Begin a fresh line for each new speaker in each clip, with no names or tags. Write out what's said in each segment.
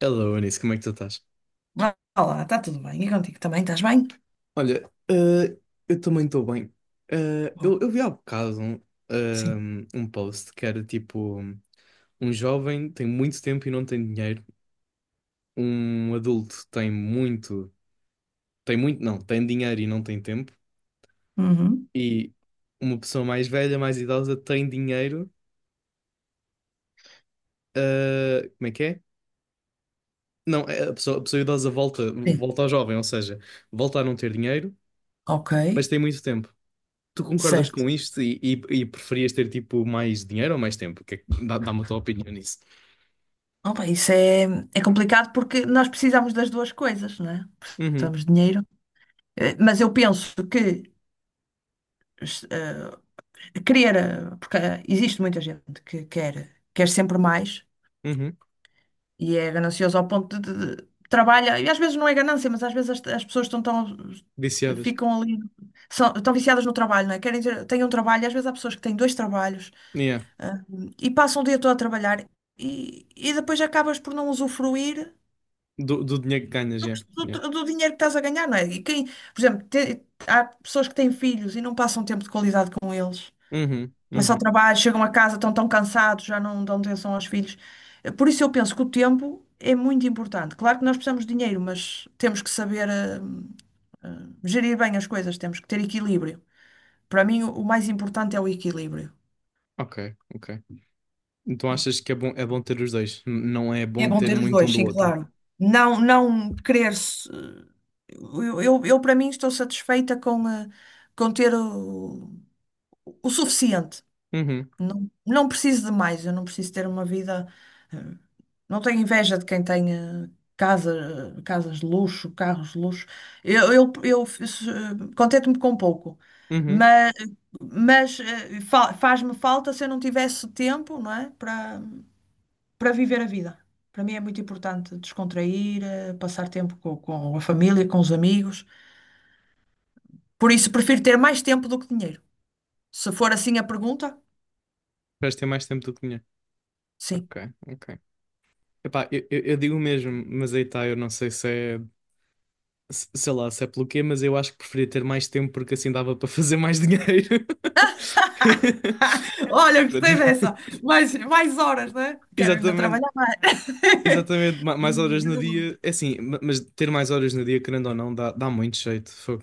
Hello, Anísio, como é que tu estás?
Ah, olá, está tudo bem? E contigo também? Estás bem?
Olha, eu também estou bem.
Bom.
Eu vi há bocado um,
Sim.
ehm, um post que era tipo: um jovem tem muito tempo e não tem dinheiro, um adulto tem muito, não, tem dinheiro e não tem tempo,
Uhum.
e uma pessoa mais velha, mais idosa, tem dinheiro. Como é que é? Não, é a pessoa idosa volta,
Sim,
volta ao jovem, ou seja, volta a não ter dinheiro,
ok,
mas tem muito tempo. Tu concordas
certo.
com isto e preferias ter tipo mais dinheiro ou mais tempo? Que é que- dá- Dá-me a tua opinião nisso.
Opa, isso é complicado porque nós precisamos das duas coisas, não é?
Uhum,
Precisamos de dinheiro. Mas eu penso que eh, porque existe muita gente que quer sempre mais.
uhum.
E é ganancioso ao ponto de trabalha, e às vezes não é ganância, mas às vezes as pessoas estão tão,
Viciadas.
ficam ali, são, estão viciadas no trabalho, não é? Querem ter, têm um trabalho, e às vezes há pessoas que têm dois trabalhos,
Yeah.
ah, e passam o dia todo a trabalhar e depois acabas por não usufruir
Do dinheiro que ganhas,
do,
yeah.
que-
Yeah.
do dinheiro que estás a ganhar, não é? E quem, por exemplo, há pessoas que têm filhos e não passam tempo de qualidade com eles.
Uhum,
Mas só
uhum.
trabalho, chegam a casa, estão tão cansados, já não dão atenção aos filhos. Por isso eu penso que o tempo é muito importante. Claro que nós precisamos de dinheiro, mas temos que saber eh, gerir bem as coisas, temos que ter equilíbrio. Para mim, o mais importante é o equilíbrio.
Ok, ok. Então
Sim.
achas que é bom ter os dois? Não é
É
bom
bom
ter
ter os
muito um
dois,
do
sim,
outro?
claro. Não, não querer. Eu, para mim, estou satisfeita com, com ter o suficiente.
Uhum,
Não, não preciso de mais, eu não preciso ter uma vida. Não tenho inveja de quem tenha casa, casas de luxo, carros de luxo. Eu fiz, contento-me com pouco,
uhum.
mas, mas faz-me falta se eu não tivesse tempo, não é? Para viver a vida. Para mim é muito importante descontrair, passar tempo com a família, com os amigos. Por isso prefiro ter mais tempo do que dinheiro. Se for assim a pergunta,
Preferes ter mais tempo do que dinheiro.
sim.
Ok, ok. Epá, eu digo o mesmo, mas aí tá, eu não sei se é. Sei lá, se é pelo quê, mas eu acho que preferia ter mais tempo porque assim dava para fazer mais dinheiro.
Olha,
Pronto.
gostei dessa. Mais horas, não é? Quero ainda
Exatamente,
trabalhar.
exatamente, mais
E-
horas no dia, é assim, mas ter mais horas no dia, querendo ou não, dá muito jeito, fogo.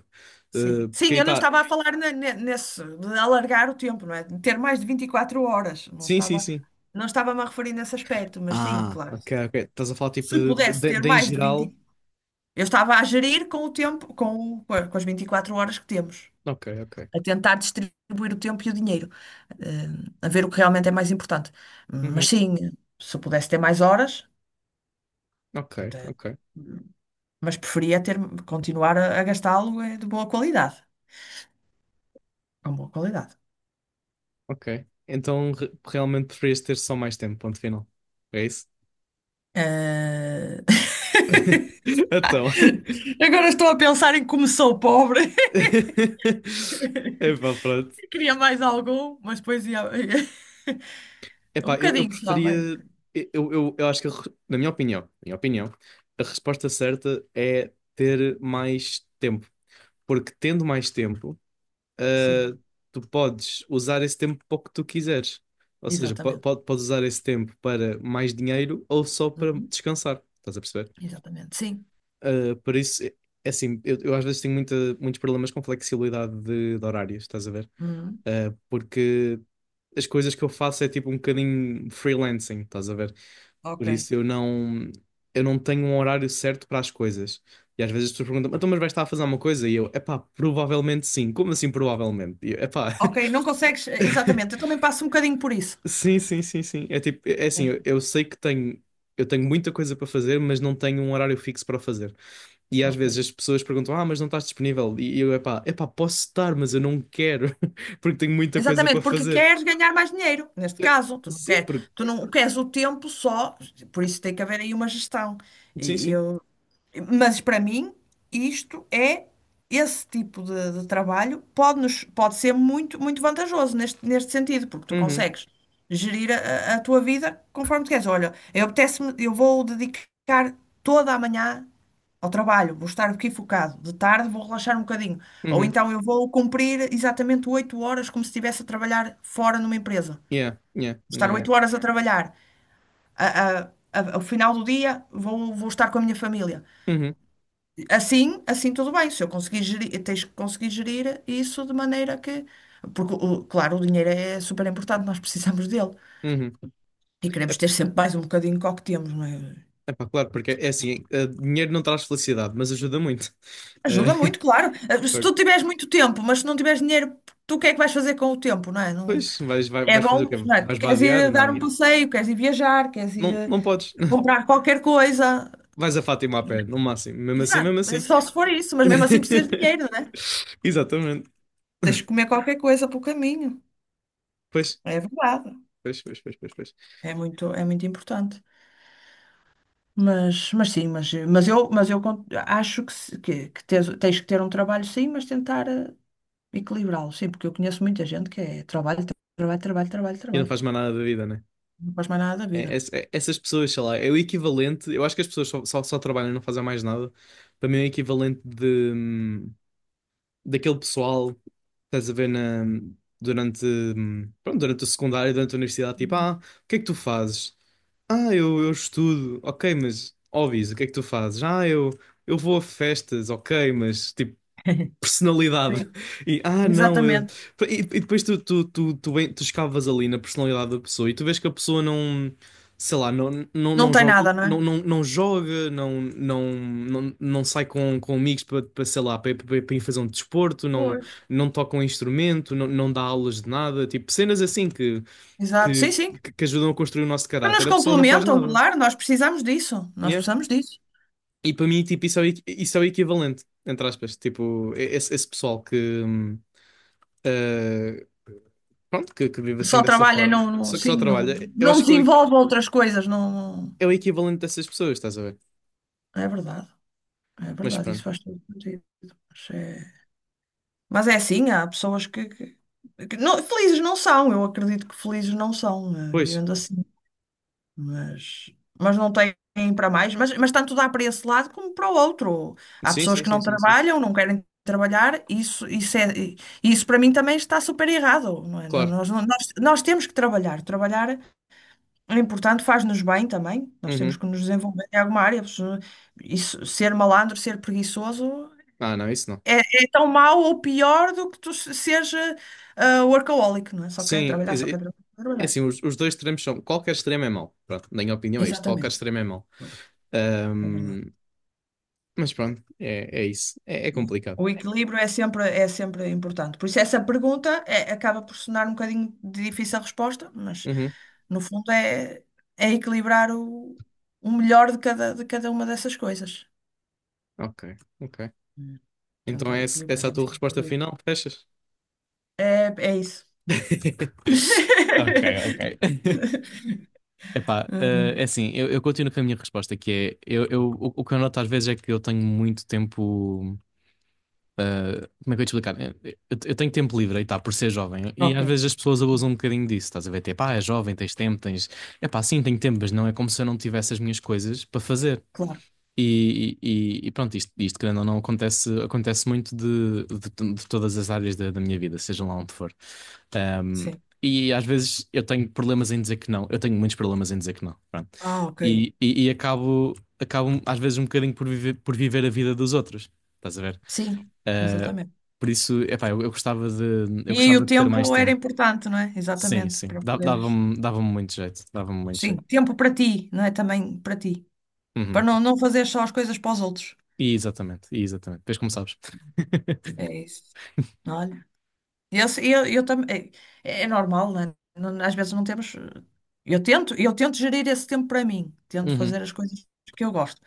Sim.
Porque
Sim,
aí
eu não
está,
estava a falar nesse, de alargar o tempo, não é? De ter mais de 24 horas.
sim, sim, sim.
Não estava-me a referir nesse aspecto, mas sim,
Ah,
claro.
ok, ok, estás a falar tipo
Se
de,
pudesse ter
de em
mais de
geral,
vinte, eu estava a gerir com o tempo, com, o- com a- com as 24 horas que temos,
ok, ok,
a tentar distribuir o tempo e o dinheiro, eh, a ver o que realmente é mais importante.
uhum.
Mas sim, se pudesse ter mais horas,
Ok,
te-
ok,
mas preferia ter, continuar a gastá-lo de boa qualidade, com boa qualidade.
ok. Então realmente preferias ter só mais tempo, ponto final, é isso?
Eh,
Então.
Agora estou a pensar em como sou pobre.
Epá, pronto.
Queria mais algum, mas depois ia. Um
Epá, eu
bocadinho só, mais, um
preferia.
bocadinho.
Eu acho que, na minha opinião, a resposta certa é ter mais tempo. Porque tendo mais tempo,
Sim,
ah, tu podes usar esse tempo para o que tu quiseres. Ou seja,
exatamente.
podes usar esse tempo para mais dinheiro ou só para
Uhum.
descansar. Estás a perceber?
Exatamente, sim.
Ah, por isso, é assim, eu às vezes tenho muita, muitos problemas com flexibilidade de horários, estás a ver?
Uhum.
Porque as coisas que eu faço é tipo um bocadinho freelancing, estás a ver? Por
Ok.
isso eu não tenho um horário certo para as coisas. E às vezes as pessoas perguntam, então, mas vais estar a fazer alguma coisa? E eu, epá, provavelmente sim. Como assim provavelmente? E eu, epá,
Ok, não consegues. Exatamente, eu também passo um bocadinho por isso.
sim, sim, sim, sim. É tipo, é assim,
Mesmo.
eu sei que tenho, eu tenho muita coisa para fazer, mas não tenho um horário fixo para fazer. E às
Ok.
vezes as pessoas perguntam, ah, mas não estás disponível? E eu, epá, posso estar, mas eu não quero, porque tenho muita coisa para
Exatamente, porque
fazer.
queres ganhar mais dinheiro, neste
Eh,
caso.
Sim, porque,
Tu não queres o tempo só, por isso tem que haver aí uma gestão.
sim,
E
sim.
eu, mas para mim, isto é, esse tipo de trabalho pode, nos, pode ser muito, muito vantajoso neste sentido, porque tu
Uhum.
consegues gerir a tua vida conforme tu queres. Olha, eu apetece-me, eu vou dedicar toda a manhã ao trabalho, vou estar aqui focado. De tarde vou relaxar um bocadinho. Ou
Uhum.
então eu vou cumprir exatamente 8 horas como se estivesse a trabalhar fora numa empresa. Vou
Yeah, yeah, yeah,
estar
yeah.
8 horas a trabalhar. Ao final do dia, vou estar com a minha família.
Uhum,
Assim, assim tudo bem, se eu conseguir gerir, tens que conseguir gerir isso de maneira que. Porque, claro, o dinheiro é super importante, nós precisamos dele.
uhum.
E queremos
É,
ter sempre mais um bocadinho que o que temos, não é?
é pá, claro, porque é assim, dinheiro não traz felicidade, mas ajuda muito.
Ajuda
Eh,
muito, claro. Se tu tiveres muito tempo, mas se não tiveres dinheiro, tu o que é que vais fazer com o tempo, não é?
pois,
É
vais fazer o
bom,
quê?
não é? Tu
Vais
queres
vadear?
ir dar um
Não,
passeio, queres ir viajar, queres ir
não, não podes.
comprar qualquer coisa.
Vais a Fátima a pé, no máximo. Mesmo assim, mesmo
Exato, mas
assim.
só se for isso, mas mesmo assim precisas de dinheiro, não é?
Exatamente.
Tens de comer qualquer coisa pelo caminho.
Pois,
É verdade.
pois, pois, pois, pois, pois.
É muito importante. Mas sim, mas acho que, que tens que ter um trabalho, sim, mas tentar equilibrá-lo, sim, porque eu conheço muita gente que é trabalho, trabalho, trabalho, trabalho,
E não
trabalho.
faz mais nada da vida, né?
Não faz mais nada da vida.
Essas pessoas, sei lá, é o equivalente. Eu acho que as pessoas só trabalham e não fazem mais nada. Para mim é o equivalente de. Daquele pessoal, estás a ver na, pronto, durante o secundário, durante a universidade, tipo, o que é que tu fazes? Ah, eu estudo, ok, mas óbvio, o que é que tu fazes? Ah, eu vou a festas, ok, mas tipo, personalidade.
Sim.
E não.
Exatamente.
E depois tu escavas ali na personalidade da pessoa e tu vês que a pessoa não, sei lá,
Não
não
tem
joga,
nada, não é?
não joga, não sai com amigos sei lá, para ir fazer um desporto, não,
Pois.
não toca um instrumento, não, não dá aulas de nada, tipo cenas assim
Exato. Sim,
que,
sim.
que ajudam a construir o nosso
Que
caráter.
nos
A pessoa não faz
complementam,
nada.
claro, nós precisamos disso. Nós
Yeah?
precisamos disso.
E para mim, tipo, isso é, isso é o equivalente, entre aspas, tipo, esse pessoal que. hum, Uh, Pronto, que vive
Só
assim dessa
trabalha e
forma,
não,
que só trabalha. Eu
não
acho que eu-
desenvolve outras coisas, não, não-
É o equivalente dessas pessoas, estás a ver?
é verdade. É
Mas
verdade, isso
pronto.
faz todo sentido. Mas é, mas é assim, há pessoas que felizes não são, eu acredito que felizes não são,
Pois,
vivendo assim, mas, mas não têm para mais, mas tanto dá para esse lado como para o outro. Há
sim,
pessoas
sim,
que
sim,
não
sim, sim.
trabalham, não querem trabalhar, isso, é, isso para mim também está super errado, não é?
Claro.
Nós temos que trabalhar. Trabalhar é importante, faz-nos bem também, nós temos
Uhum.
que nos desenvolver em alguma área, isso, ser malandro, ser preguiçoso.
Ah, não, isso não.
É, é tão mau ou pior do que tu se- seja ah, workaholic, não é? Só querer
Sim,
trabalhar, só
é
querer
é
trabalhar.
assim, os dois extremos são. Qualquer extremo é mau. Pronto, na minha opinião é isto. Qualquer
Exatamente.
extremo é mau.
É
Ahm,
verdade.
mas pronto, é isso. É
É.
complicado.
O equilíbrio é sempre importante. Por isso, essa pergunta acaba por sonar um bocadinho de difícil a resposta, mas
Uhum.
no fundo é, é equilibrar o melhor de cada uma dessas coisas.
Ok, ok.
Hum.
Então
Tentar
é essa
equilibrar.
a
É, isso
tua
que eu vou
resposta
ver.
final? Fechas?
É isso.
Ok, ok. Epá, é assim, eu continuo com a minha resposta, que é, o que eu noto às vezes é que eu tenho muito tempo, como é que eu ia te explicar? Eu tenho tempo livre, aí tá, por ser jovem, e
Ok.
às vezes as pessoas
Sim,
abusam um bocadinho disso, estás a ver, tipo, ah, é jovem, tens tempo, tens. Epá, sim, tenho tempo, mas não é como se eu não tivesse as minhas coisas para fazer.
claro.
E pronto, isto querendo ou não acontece, acontece muito de, de todas as áreas da minha vida, seja lá onde for. Um,
Sim.
e às vezes eu tenho problemas em dizer que não, eu tenho muitos problemas em dizer que não. Pronto.
Ah, ok.
E acabo, acabo às vezes um bocadinho por viver a vida dos outros, estás a ver?
Sim,
Uh,
exatamente.
por isso, epá, eu gostava de,
E
eu
aí o
gostava de ter mais
Tempo era
tempo.
importante, não é?
Sim,
Exatamente,
sim,
para poderes.
dava-me muito jeito, dava-me muito
Sim,
jeito.
tempo para ti, não é? Também para ti. Para
Uhum.
não fazer só as coisas para os outros.
E exatamente, e exatamente. Depois como sabes.
É isso. Olha, eu também. É, é normal, não é? Às vezes não temos. Eu tento gerir esse tempo para mim, tento
Uhum.
fazer as coisas que eu gosto.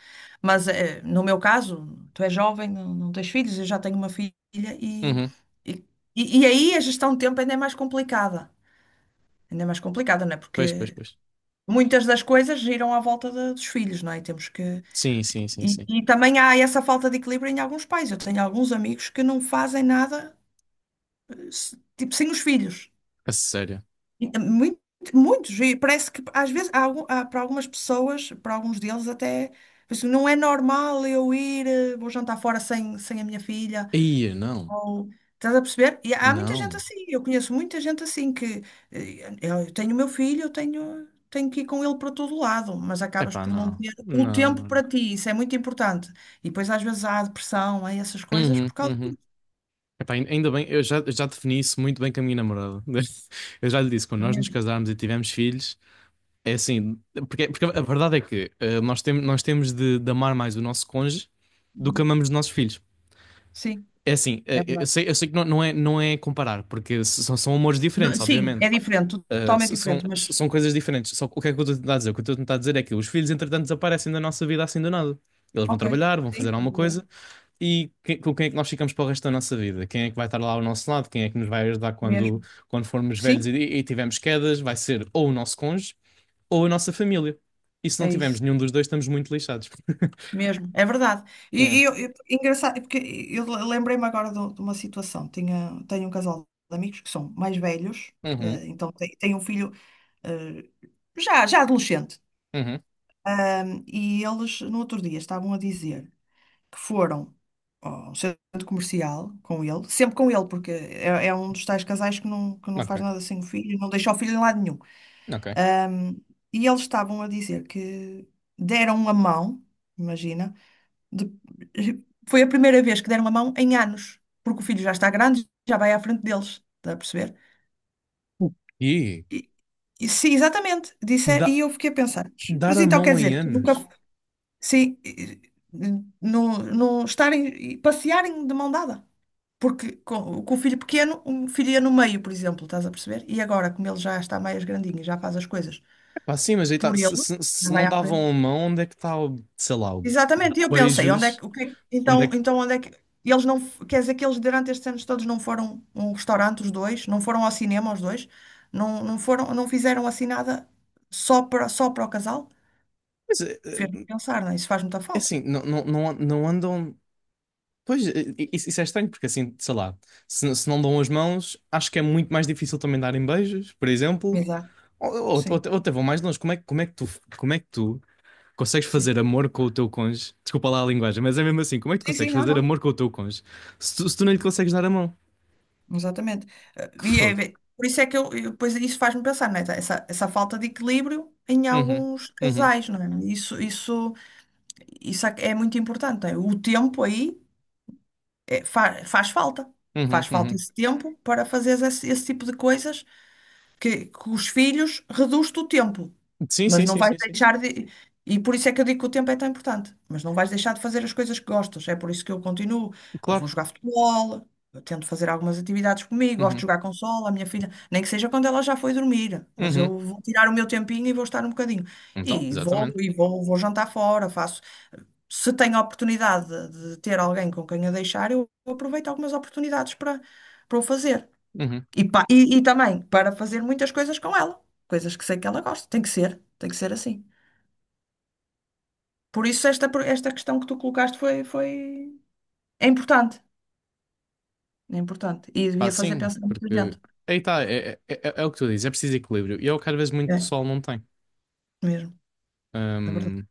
Mas no meu caso, tu és jovem, não tens filhos, eu já tenho uma filha e,
Uhum.
e, e aí a gestão de tempo ainda é mais complicada. Ainda é mais complicada, não é?
Pois, pois,
Porque
pois.
muitas das coisas giram à volta dos filhos, não é? E temos que.
Sim, sim, sim, sim.
E também há essa falta de equilíbrio em alguns pais. Eu tenho alguns amigos que não fazem nada, tipo, sem os filhos.
A sério.
E muitos. E parece que, às vezes, há para algumas pessoas, para alguns deles, até, assim, não é normal eu ir, vou jantar fora sem a minha filha.
Ih, não.
Estás a perceber? E há muita gente
Não.
assim, eu conheço muita gente assim que, eu tenho o meu filho, tenho que ir com ele para todo lado, mas acabas
Epá,
por não
não.
ter o
Não,
tempo
não.
para ti, isso é muito importante. E depois às vezes há depressão, há essas coisas
Uhum,
por causa
uhum.
disso,
Epá, ainda bem, eu já defini isso muito bem com a minha namorada. Eu já lhe disse, quando
não é
nós nos
mesmo?
casarmos e tivermos filhos, é assim, porque, porque a verdade é que nós temos de amar mais o nosso cônjuge do que
Uhum.
amamos os nossos filhos.
Sim,
É assim,
é
eu
verdade.
sei, eu sei que não, não é comparar, porque são amores
Não,
diferentes,
sim,
obviamente.
é diferente, totalmente diferente, mas
São coisas diferentes. Só que o que é que eu estou a tentar dizer? O que eu estou a tentar dizer é que os filhos, entretanto, desaparecem da nossa vida assim do nada. Eles vão
ok,
trabalhar, vão
sim, é
fazer alguma
verdade,
coisa com quem é que nós ficamos para o resto da nossa vida? Quem é que vai estar lá ao nosso lado? Quem é que nos vai ajudar
mesmo.
quando formos velhos
Sim,
e tivermos quedas? Vai ser ou o nosso cônjuge ou a nossa família. E se não
é
tivermos
isso.
nenhum dos dois, estamos muito lixados.
Mesmo, é verdade.
Yeah.
E engraçado, porque eu lembrei-me agora de uma situação. Tenho um casal de amigos que são mais velhos,
Uhum,
então tem um filho, eh, já adolescente.
uhum.
E eles, no outro dia, estavam a dizer que foram ao centro comercial com ele, sempre com ele, porque é, é um dos tais casais que não
Ok,
faz nada sem o filho, não deixa o filho em lado nenhum.
ok.
Ahm, e eles estavam a dizer que deram a mão, imagina, de- foi a primeira vez que deram a mão em anos, porque o filho já está grande, já vai à frente deles, está a perceber?
E
E, e sim, exatamente, disse,
dá-
e eu fiquei a pensar,
dar
mas
a
então quer
mão em
dizer, tu nunca,
anos.
sim, não estarem, e passearem de mão dada, porque com o filho pequeno, um filho ia no meio, por exemplo, estás a perceber? E agora, como ele já está mais grandinho e já faz as coisas
Pá, sim, mas aí
por
tá,
ele, já
se
vai
não
à frente.
davam a mão, onde é que está o, sei lá, o
Exatamente, e eu pensei, onde é
beijos?
que, o que
Onde é
então,
que.
então onde é que, e eles não, f- quer dizer que eles durante estes anos todos não foram a um restaurante os dois, não foram ao cinema os dois, não, não foram, não fizeram assim nada só para o casal?
Mas, é
Fez-me pensar, não é? Isso faz muita
é
falta.
assim, não, não, não, não andam. Pois, é, é, isso é estranho, porque assim, sei lá, se não dão as mãos, acho que é muito mais difícil também darem beijos, por exemplo.
Exato, sim,
Ou até vão mais longe. Como é que tu consegues
sim.
fazer amor com o teu cônjuge? Desculpa lá a linguagem, mas é mesmo assim, como é que tu
Sim, sim,
consegues
não,
fazer
não,
amor com o teu cônjuge se tu não lhe consegues dar a mão?
exatamente.
Que
E é,
fogo.
é- por isso é que eu, pois, isso faz-me pensar, não é? Essa falta de equilíbrio em
Uhum,
alguns
uhum,
casais, não é? Isso, isso é muito importante, não é? O tempo aí é, faz falta.
uhum,
Faz falta
uhum.
esse tempo para fazeres esse tipo de coisas que os filhos reduz-te o tempo,
Sim,
mas
sim,
não
sim,
vais
sim, sim.
deixar de. E por isso é que eu digo que o tempo é tão importante, mas não vais deixar de fazer as coisas que gostas. É por isso que eu continuo. Eu vou
Claro.
jogar futebol, eu tento fazer algumas atividades comigo, gosto de
Uhum.
jogar consola, a minha filha, nem que seja quando ela já foi dormir, mas
Uhum.
eu vou tirar o meu tempinho e vou estar um bocadinho.
Então,
E vou,
exatamente.
e vou, vou jantar fora, faço se tenho a oportunidade de ter alguém com quem a deixar, eu aproveito algumas oportunidades para, para o fazer.
Uhum.
E também para fazer muitas coisas com ela, coisas que sei que ela gosta. Tem que ser assim. Por isso, esta questão que tu colocaste foi... é importante. É importante. E
Pá,
devia fazer
sim,
pensar muita
porque
gente.
aí tá, é o que tu dizes, é preciso equilíbrio. E é o que às vezes muito
É,
pessoal não tem.
mesmo. É verdade.
Hum,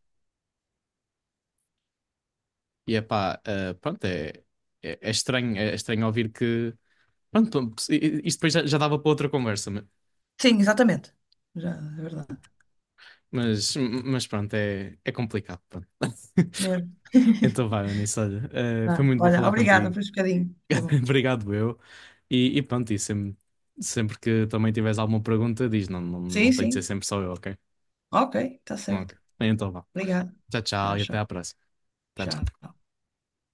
e é pá, pronto, é estranho ouvir que. Pronto, isto depois já, já dava para outra conversa,
Sim, exatamente. Já, é verdade.
mas, mas pronto, é complicado. Pronto.
Mesmo.
Então vai, Anis, olha, foi
Ah,
muito bom
olha,
falar
obrigada
contigo.
por este bocadinho. Foi bom.
Obrigado, eu. E pronto, e sempre que também tiveres alguma pergunta, diz, não, não,
Sim,
não tem de ser
sim.
sempre só eu, ok?
Ok, está certo.
Ok. Então vá.
Obrigada.
Tchau,
Já,
tchau e até
tchau.
à próxima. Tchau, tchau.
Tchau.